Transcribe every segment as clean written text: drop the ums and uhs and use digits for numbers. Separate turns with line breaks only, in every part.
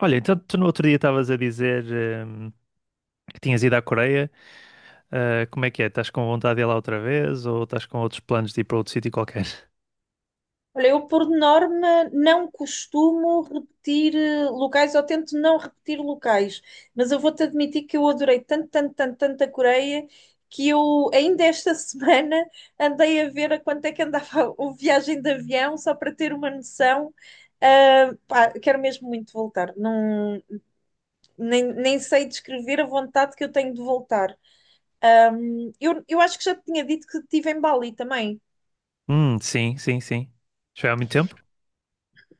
Olha, então tu no outro dia estavas a dizer, hum, que tinhas ido à Coreia. Ah, como é que é? Estás com vontade de ir lá outra vez ou estás com outros planos de ir para outro sítio qualquer?
Olha, eu por norma não costumo repetir locais, ou tento não repetir locais, mas eu vou-te admitir que eu adorei tanto, tanto, tanto, tanto a Coreia que eu ainda esta semana andei a ver a quanto é que andava o viagem de avião, só para ter uma noção. Ah, pá, quero mesmo muito voltar. Não, nem sei descrever a vontade que eu tenho de voltar. Eu acho que já te tinha dito que estive em Bali também.
Sim, sim, sim. Já foi há muito tempo?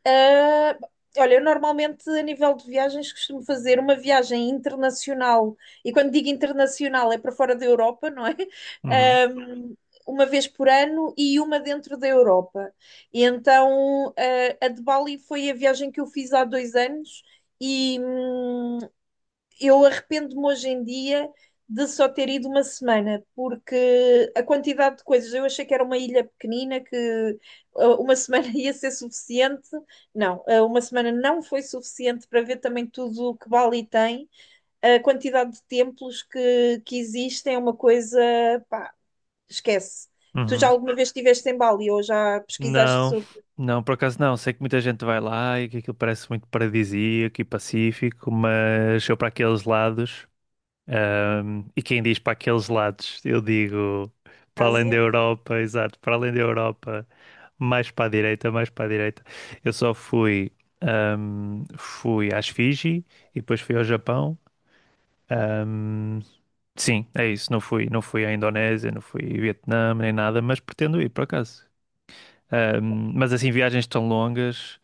Ah, olha, eu normalmente, a nível de viagens, costumo fazer uma viagem internacional. E quando digo internacional, é para fora da Europa, não é?
Uhum,
Ahm, uma vez por ano e uma dentro da Europa. E então, ah, a de Bali foi a viagem que eu fiz há 2 anos. E, eu arrependo-me hoje em dia de só ter ido uma semana, porque a quantidade de coisas, eu achei que era uma ilha pequenina, que uma semana ia ser suficiente. Não, uma semana não foi suficiente para ver também tudo o que Bali tem. A quantidade de templos que existem é uma coisa, pá, esquece. Tu já
uhum.
alguma vez estiveste em Bali ou já pesquisaste
Não,
sobre
não, por acaso não. Sei que muita gente vai lá e que aquilo parece muito paradisíaco e pacífico, mas eu para aqueles lados, e quem diz para aqueles lados, eu digo
a
para além da
Ásia?
Europa, exato, para além da Europa. Mais para a direita, mais para a direita. Eu só fui às Fiji e depois fui ao Japão. Ahm, sim, é isso. Não fui à Indonésia, não fui ao Vietnã nem nada, mas pretendo ir por acaso. Mas assim, viagens tão longas.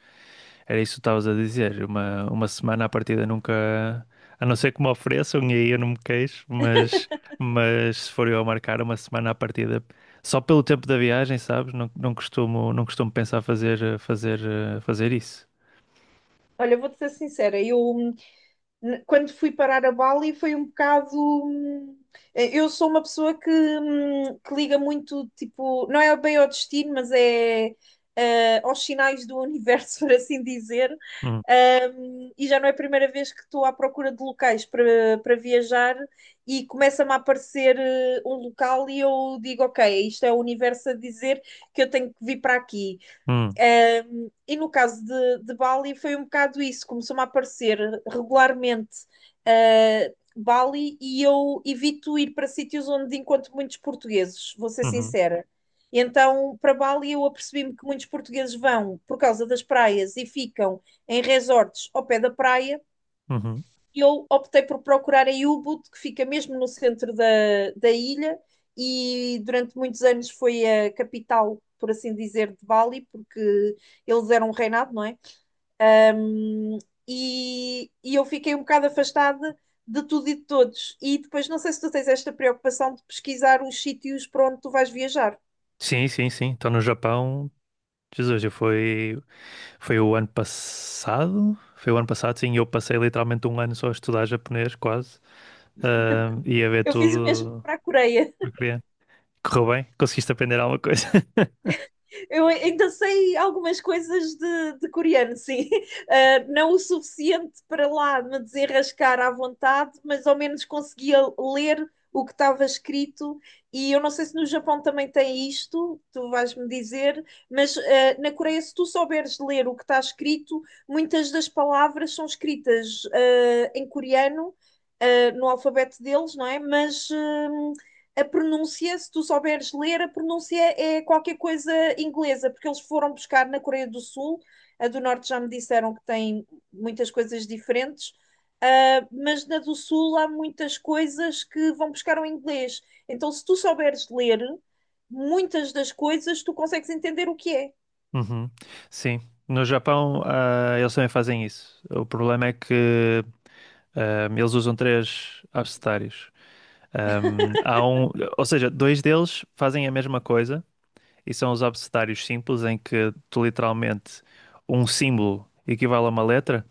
Era isso que tu estavas a dizer. Uma semana à partida nunca. A não ser que me ofereçam, e aí eu não me queixo, mas, se for eu a marcar uma semana à partida, só pelo tempo da viagem, sabes? Não, não costumo pensar fazer isso.
Olha, eu vou-te ser sincera, eu, quando fui parar a Bali foi um bocado. hum, Eu sou uma pessoa que liga muito, tipo, não é bem ao destino, mas é aos sinais do universo, por assim dizer.
Hum,
E já não é a primeira vez que estou à procura de locais para, para viajar e começa-me a aparecer um local e eu digo, ok, isto é o universo a dizer que eu tenho que vir para aqui.
hum,
E no caso de Bali foi um bocado isso, começou-me a aparecer regularmente Bali e eu evito ir para sítios onde encontro muitos portugueses, vou ser
uhum,
sincera. E então, para Bali, eu apercebi-me que muitos portugueses vão por causa das praias e ficam em resorts ao pé da praia,
uhum.
eu optei por procurar em u que fica mesmo no centro da ilha, e durante muitos anos foi a capital, por assim dizer, de Bali, porque eles eram um reinado, não é? Um, e eu fiquei um bocado afastada de tudo e de todos. E depois, não sei se tu tens esta preocupação de pesquisar os sítios para onde tu vais viajar.
Sim, sim, sim. Estou no Japão. Jesus, foi o ano passado? Foi o ano passado, sim. Eu passei literalmente um ano só a estudar japonês, quase. Ah, e a ver
Eu fiz o mesmo
tudo.
para a Coreia.
Ok. Correu bem? Conseguiste aprender alguma coisa?
Eu ainda sei algumas coisas de coreano, sim. Ah, não o suficiente para lá me desenrascar à vontade, mas ao menos conseguia ler o que estava escrito. E eu não sei se no Japão também tem isto, tu vais-me dizer, mas na Coreia, se tu souberes ler o que está escrito, muitas das palavras são escritas em coreano. No alfabeto deles, não é? Mas a pronúncia, se tu souberes ler, a pronúncia é qualquer coisa inglesa, porque eles foram buscar na Coreia do Sul, a do Norte já me disseram que tem muitas coisas diferentes, mas na do Sul há muitas coisas que vão buscar o inglês. Então, se tu souberes ler, muitas das coisas tu consegues entender o que é.
Uhum. Sim. No Japão, eles também fazem isso. O problema é que eles usam três abecedários. Ahm, há um, ou seja, dois deles fazem a mesma coisa e são os abecedários simples, em que tu literalmente um símbolo equivale a uma letra.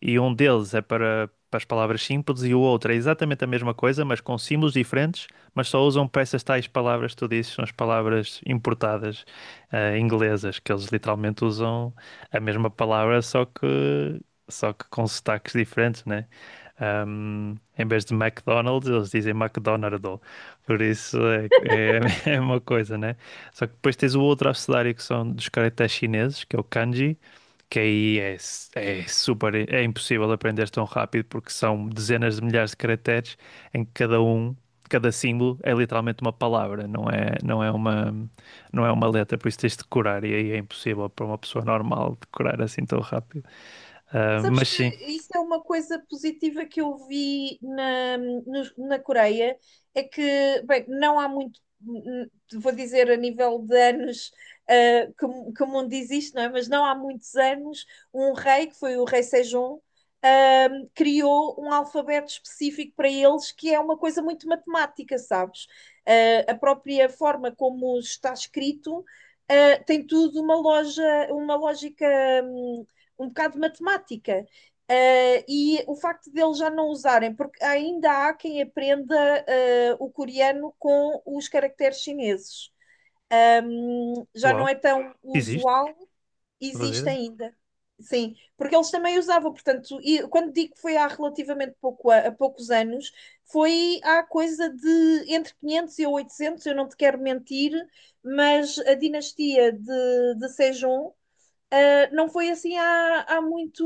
E um deles é para as palavras simples e o outro é exatamente a mesma coisa, mas com símbolos diferentes, mas só usam para essas tais palavras que tu dizes, são as palavras importadas, inglesas, que eles literalmente usam a mesma palavra, só que com sotaques diferentes, né? Em vez de McDonald's, eles dizem McDonald's. Por isso é, é uma coisa, né? Só que depois tens o outro abecedário que são dos caracteres chineses, que é o kanji, que aí é super, é impossível aprender tão rápido porque são dezenas de milhares de caracteres em que cada símbolo é literalmente uma palavra, não é uma letra, por isso tens de decorar e aí é impossível para uma pessoa normal decorar assim tão rápido. Ah,
Sabes
mas
que
sim,
isso é uma coisa positiva que eu vi na Coreia, é que, bem, não há muito, vou dizer a nível de anos, que o mundo existe, não é? Mas não há muitos anos, um rei, que foi o rei Sejong, ah, criou um alfabeto específico para eles, que é uma coisa muito matemática, sabes? A própria forma como está escrito, tem tudo uma loja, uma lógica hum, um bocado de matemática. E o facto de eles já não usarem, porque ainda há quem aprenda o coreano com os caracteres chineses. Já
uau,
não é tão
existe,
usual,
não fazia
existe
ideia.
ainda. Sim, porque eles também usavam, portanto, e quando digo que foi há relativamente pouco, há poucos anos, foi há coisa de entre 500 e 800, eu não te quero mentir, mas a dinastia de Sejong não foi assim há, muito,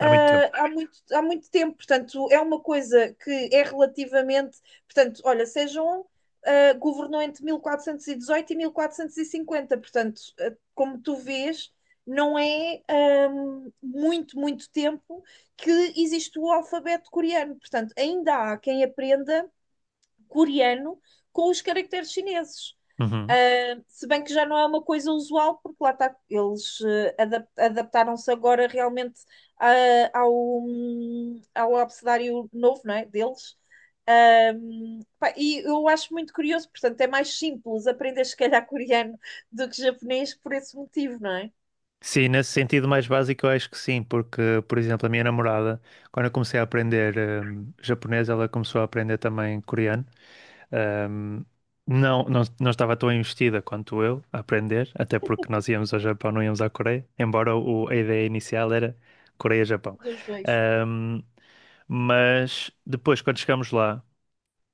Há muito tempo.
há muito há muito tempo. Portanto, é uma coisa que é relativamente. Portanto, olha, sejam governou entre 1418 e 1450. Portanto, como tu vês, não é um, muito, muito tempo que existe o alfabeto coreano. Portanto, ainda há quem aprenda coreano com os caracteres chineses.
Uhum.
Se bem que já não é uma coisa usual, porque lá está, eles adaptaram-se agora realmente ao abecedário novo, não é? Deles. Pá, e eu acho muito curioso, portanto, é mais simples aprender, se calhar, coreano do que japonês por esse motivo, não é?
Sim, nesse sentido mais básico eu acho que sim, porque, por exemplo, a minha namorada, quando eu comecei a aprender japonês, ela começou a aprender também coreano. Ahm, não, não, não estava tão investida quanto eu a aprender, até porque nós íamos ao Japão, não íamos à Coreia, embora a ideia inicial era Coreia-Japão.
Dos dois.
Ahm, mas depois, quando chegamos lá,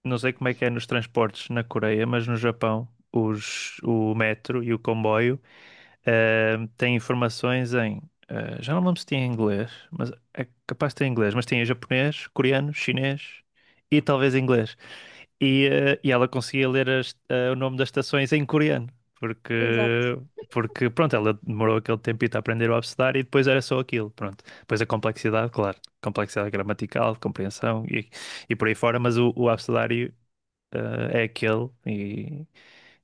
não sei como é que é nos transportes na Coreia, mas no Japão, o metro e o comboio. Tem informações em. Já não me lembro se tinha em inglês, mas é capaz de ter em inglês, mas tem em japonês, coreano, chinês e talvez inglês. E ela conseguia ler o nome das estações em coreano,
Exato.
porque, porque pronto, ela demorou aquele tempito a aprender o abecedário e depois era só aquilo, pronto. Depois a complexidade, claro, complexidade gramatical, compreensão e por aí fora, mas o abecedário é aquele e,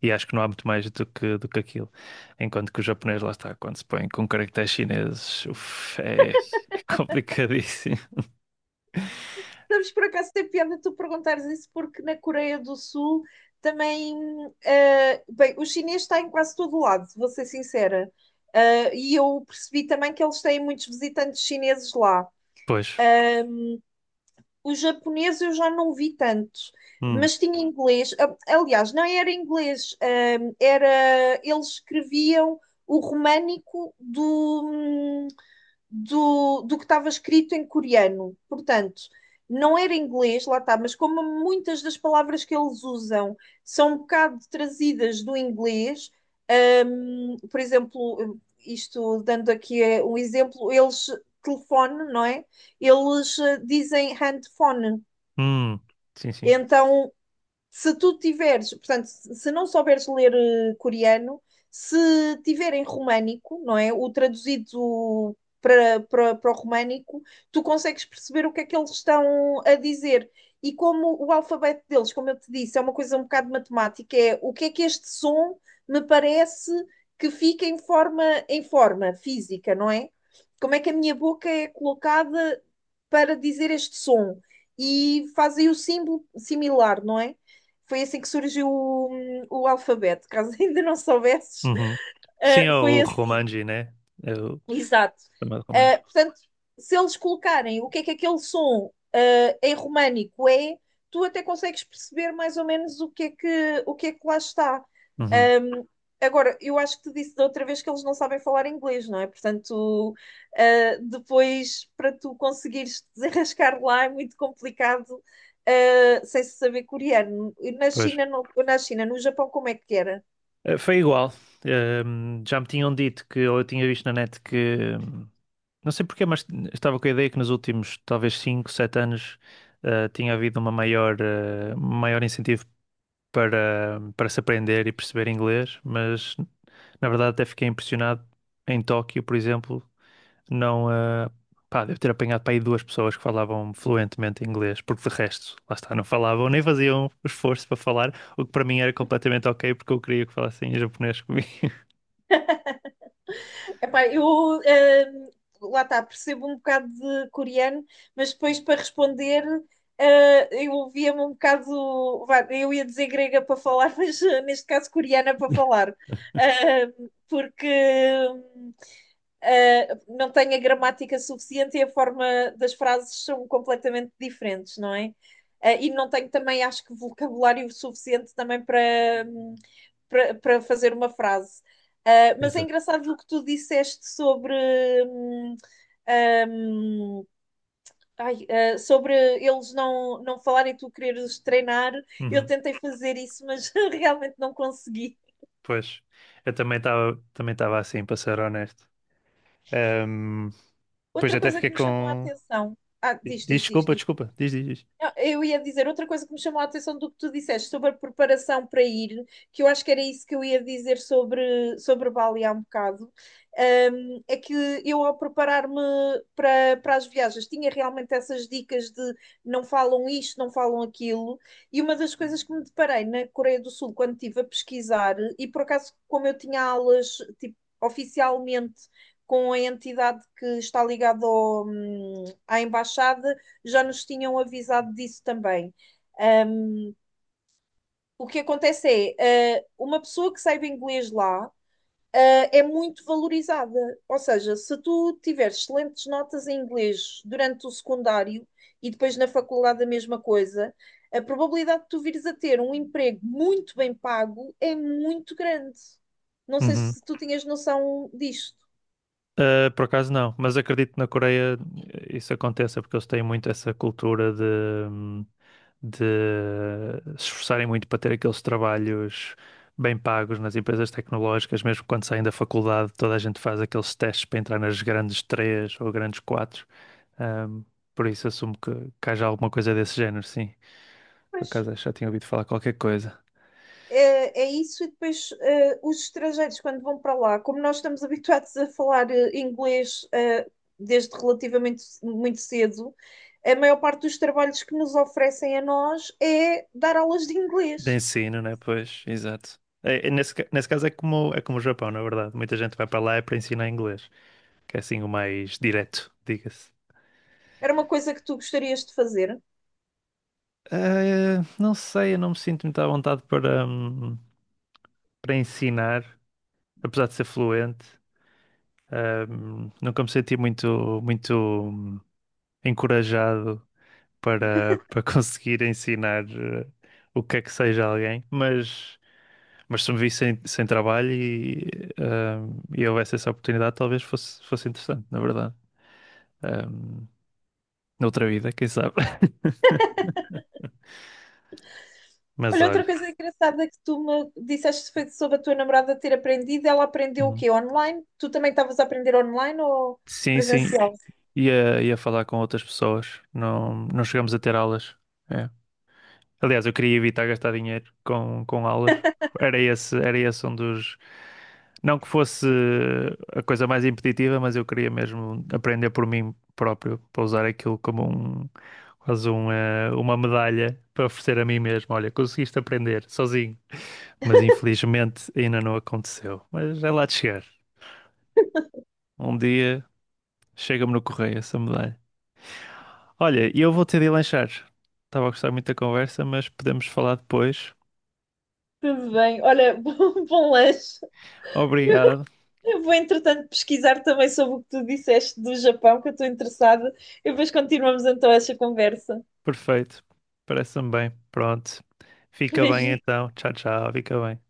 e acho que não há muito mais do que aquilo. Enquanto que o japonês, lá está, quando se põe com caracteres chineses, uf, é complicadíssimo.
Sabes, por acaso tem piada tu perguntares isso, porque na Coreia do Sul também. Bem, o chinês está em quase todo lado, vou ser sincera. E eu percebi também que eles têm muitos visitantes chineses lá.
Pois.
O japonês eu já não vi tanto,
Hum.
mas tinha inglês. Aliás, não era inglês, era eles escreviam o românico do que estava escrito em coreano. Portanto, não era inglês, lá está, mas como muitas das palavras que eles usam são um bocado trazidas do inglês, por exemplo, isto dando aqui um exemplo, eles telefone, não é? Eles dizem handphone.
Hum. Sim, sim.
Então, se tu tiveres, portanto, se não souberes ler coreano, se tiver em românico, não é? O traduzido para o românico, tu consegues perceber o que é que eles estão a dizer. E como o alfabeto deles, como eu te disse, é uma coisa um bocado matemática, é o que é que este som me parece que fica em forma física, não é? Como é que a minha boca é colocada para dizer este som? E fazem o símbolo similar, não é? Foi assim que surgiu o alfabeto, caso ainda não soubesses.
Uhum. Sim,
Ah,
é
foi
o
assim.
Romanji, né? É o
Exato.
chamado
Ah,
Romanji.
portanto, se eles colocarem o que é que aquele som em românico é, tu até consegues perceber mais ou menos o que é que lá está.
Uhum.
Ahm, agora, eu acho que te disse da outra vez que eles não sabem falar inglês, não é? Portanto, depois para tu conseguires te desenrascar lá é muito complicado. Sem se saber coreano. E Na
Pois.
China, no, na China, no Japão, como é que era?
Foi igual. Já me tinham dito que, ou eu tinha visto na net que, não sei porquê, mas estava com a ideia que nos últimos talvez 5, 7 anos tinha havido um maior incentivo para se aprender e perceber inglês, mas na verdade até fiquei impressionado em Tóquio, por exemplo, não, pá, devo ter apanhado para aí duas pessoas que falavam fluentemente inglês, porque de resto, lá está, não falavam, nem faziam esforço para falar, o que para mim era completamente ok, porque eu queria que falassem em japonês comigo.
Epá, eu ehm, lá está, percebo um bocado de coreano, mas depois para responder eu ouvia-me um bocado, vá, eu ia dizer grega para falar, mas neste caso coreana para falar. Eh, porque hum, não tem a gramática suficiente e a forma das frases são completamente diferentes, não é? E não tenho também, acho que, vocabulário suficiente também para fazer uma frase. Mas é
Exato.
engraçado o que tu disseste sobre. hum, hum, ai, sobre eles não, não falarem e tu quereres treinar, eu
Uhum.
tentei fazer isso, mas realmente não consegui.
Pois, eu também estava assim, para ser honesto. Ahm, Pois
Outra
até
coisa
fiquei
que me chamou a
com.
atenção. Ah, diz,
Diz
diz, diz,
desculpa,
diz.
desculpa, diz, diz, diz.
Não, eu ia dizer outra coisa que me chamou a atenção do que tu disseste sobre a preparação para ir, que eu acho que era isso que eu ia dizer sobre, Bali há um bocado, é que eu ao preparar-me para as viagens tinha realmente essas dicas de não falam isto, não falam aquilo, e uma das coisas que me deparei na Coreia do Sul quando estive a pesquisar, e por acaso como eu tinha aulas tipo, oficialmente com a entidade que está ligada à embaixada, já nos tinham avisado disso também. Um, o que acontece é, uma pessoa que saiba inglês lá é muito valorizada. Ou seja, se tu tiveres excelentes notas em inglês durante o secundário e depois na faculdade a mesma coisa, a probabilidade de tu vires a ter um emprego muito bem pago é muito grande. Não sei
Uhum.
se tu tinhas noção disto.
Ah, por acaso não, mas acredito que na Coreia isso aconteça, porque eles têm muito essa cultura de se esforçarem muito para ter aqueles trabalhos bem pagos nas empresas tecnológicas, mesmo quando saem da faculdade, toda a gente faz aqueles testes para entrar nas grandes três ou grandes quatro. Ahm, por isso assumo que haja alguma coisa desse género, sim. Por
Pois.
acaso acho que já tinha ouvido falar qualquer coisa.
É, é isso, e depois os estrangeiros, quando vão para lá, como nós estamos habituados a falar inglês desde relativamente muito cedo, a maior parte dos trabalhos que nos oferecem a nós é dar aulas de
De
inglês.
ensino, né? Pois, exato. É nesse caso é como o Japão, na verdade. Muita gente vai para lá é para ensinar inglês, que é assim o mais direto, diga-se.
Era uma coisa que tu gostarias de fazer?
Não sei, eu não me sinto muito à vontade para ensinar, apesar de ser fluente. Nunca me senti muito, muito encorajado para conseguir ensinar o que é que seja a alguém, mas. Mas se me vi sem trabalho e houvesse essa oportunidade, talvez fosse interessante, na verdade. Ahm, Noutra vida, quem sabe? Mas
Olha, outra
olha,
coisa engraçada que tu me disseste foi sobre a tua namorada ter aprendido. Ela aprendeu o
uhum.
quê? Online? Tu também estavas a aprender online ou
Sim, sim,
presencial?
ia falar com outras pessoas. Não, não chegamos a ter aulas. É. Aliás, eu queria evitar gastar dinheiro com aulas. Era esse um dos. Não que fosse a coisa mais impeditiva, mas eu queria mesmo aprender por mim próprio, para usar aquilo como um, quase um, uma medalha para oferecer a mim mesmo. Olha, conseguiste aprender sozinho. Mas infelizmente ainda não aconteceu. Mas é lá de chegar. Um dia chega-me no correio essa medalha. Olha, e eu vou ter de ir lanchar. Estava a gostar muito da conversa, mas podemos falar depois.
Tudo bem. Olha, bom, bom lanche.
Obrigado.
Eu vou, entretanto, pesquisar também sobre o que tu disseste do Japão, que eu estou interessada. E depois continuamos então essa conversa.
Perfeito. Parece-me bem. Pronto. Fica bem
Beijinho.
então. Tchau, tchau. Fica bem.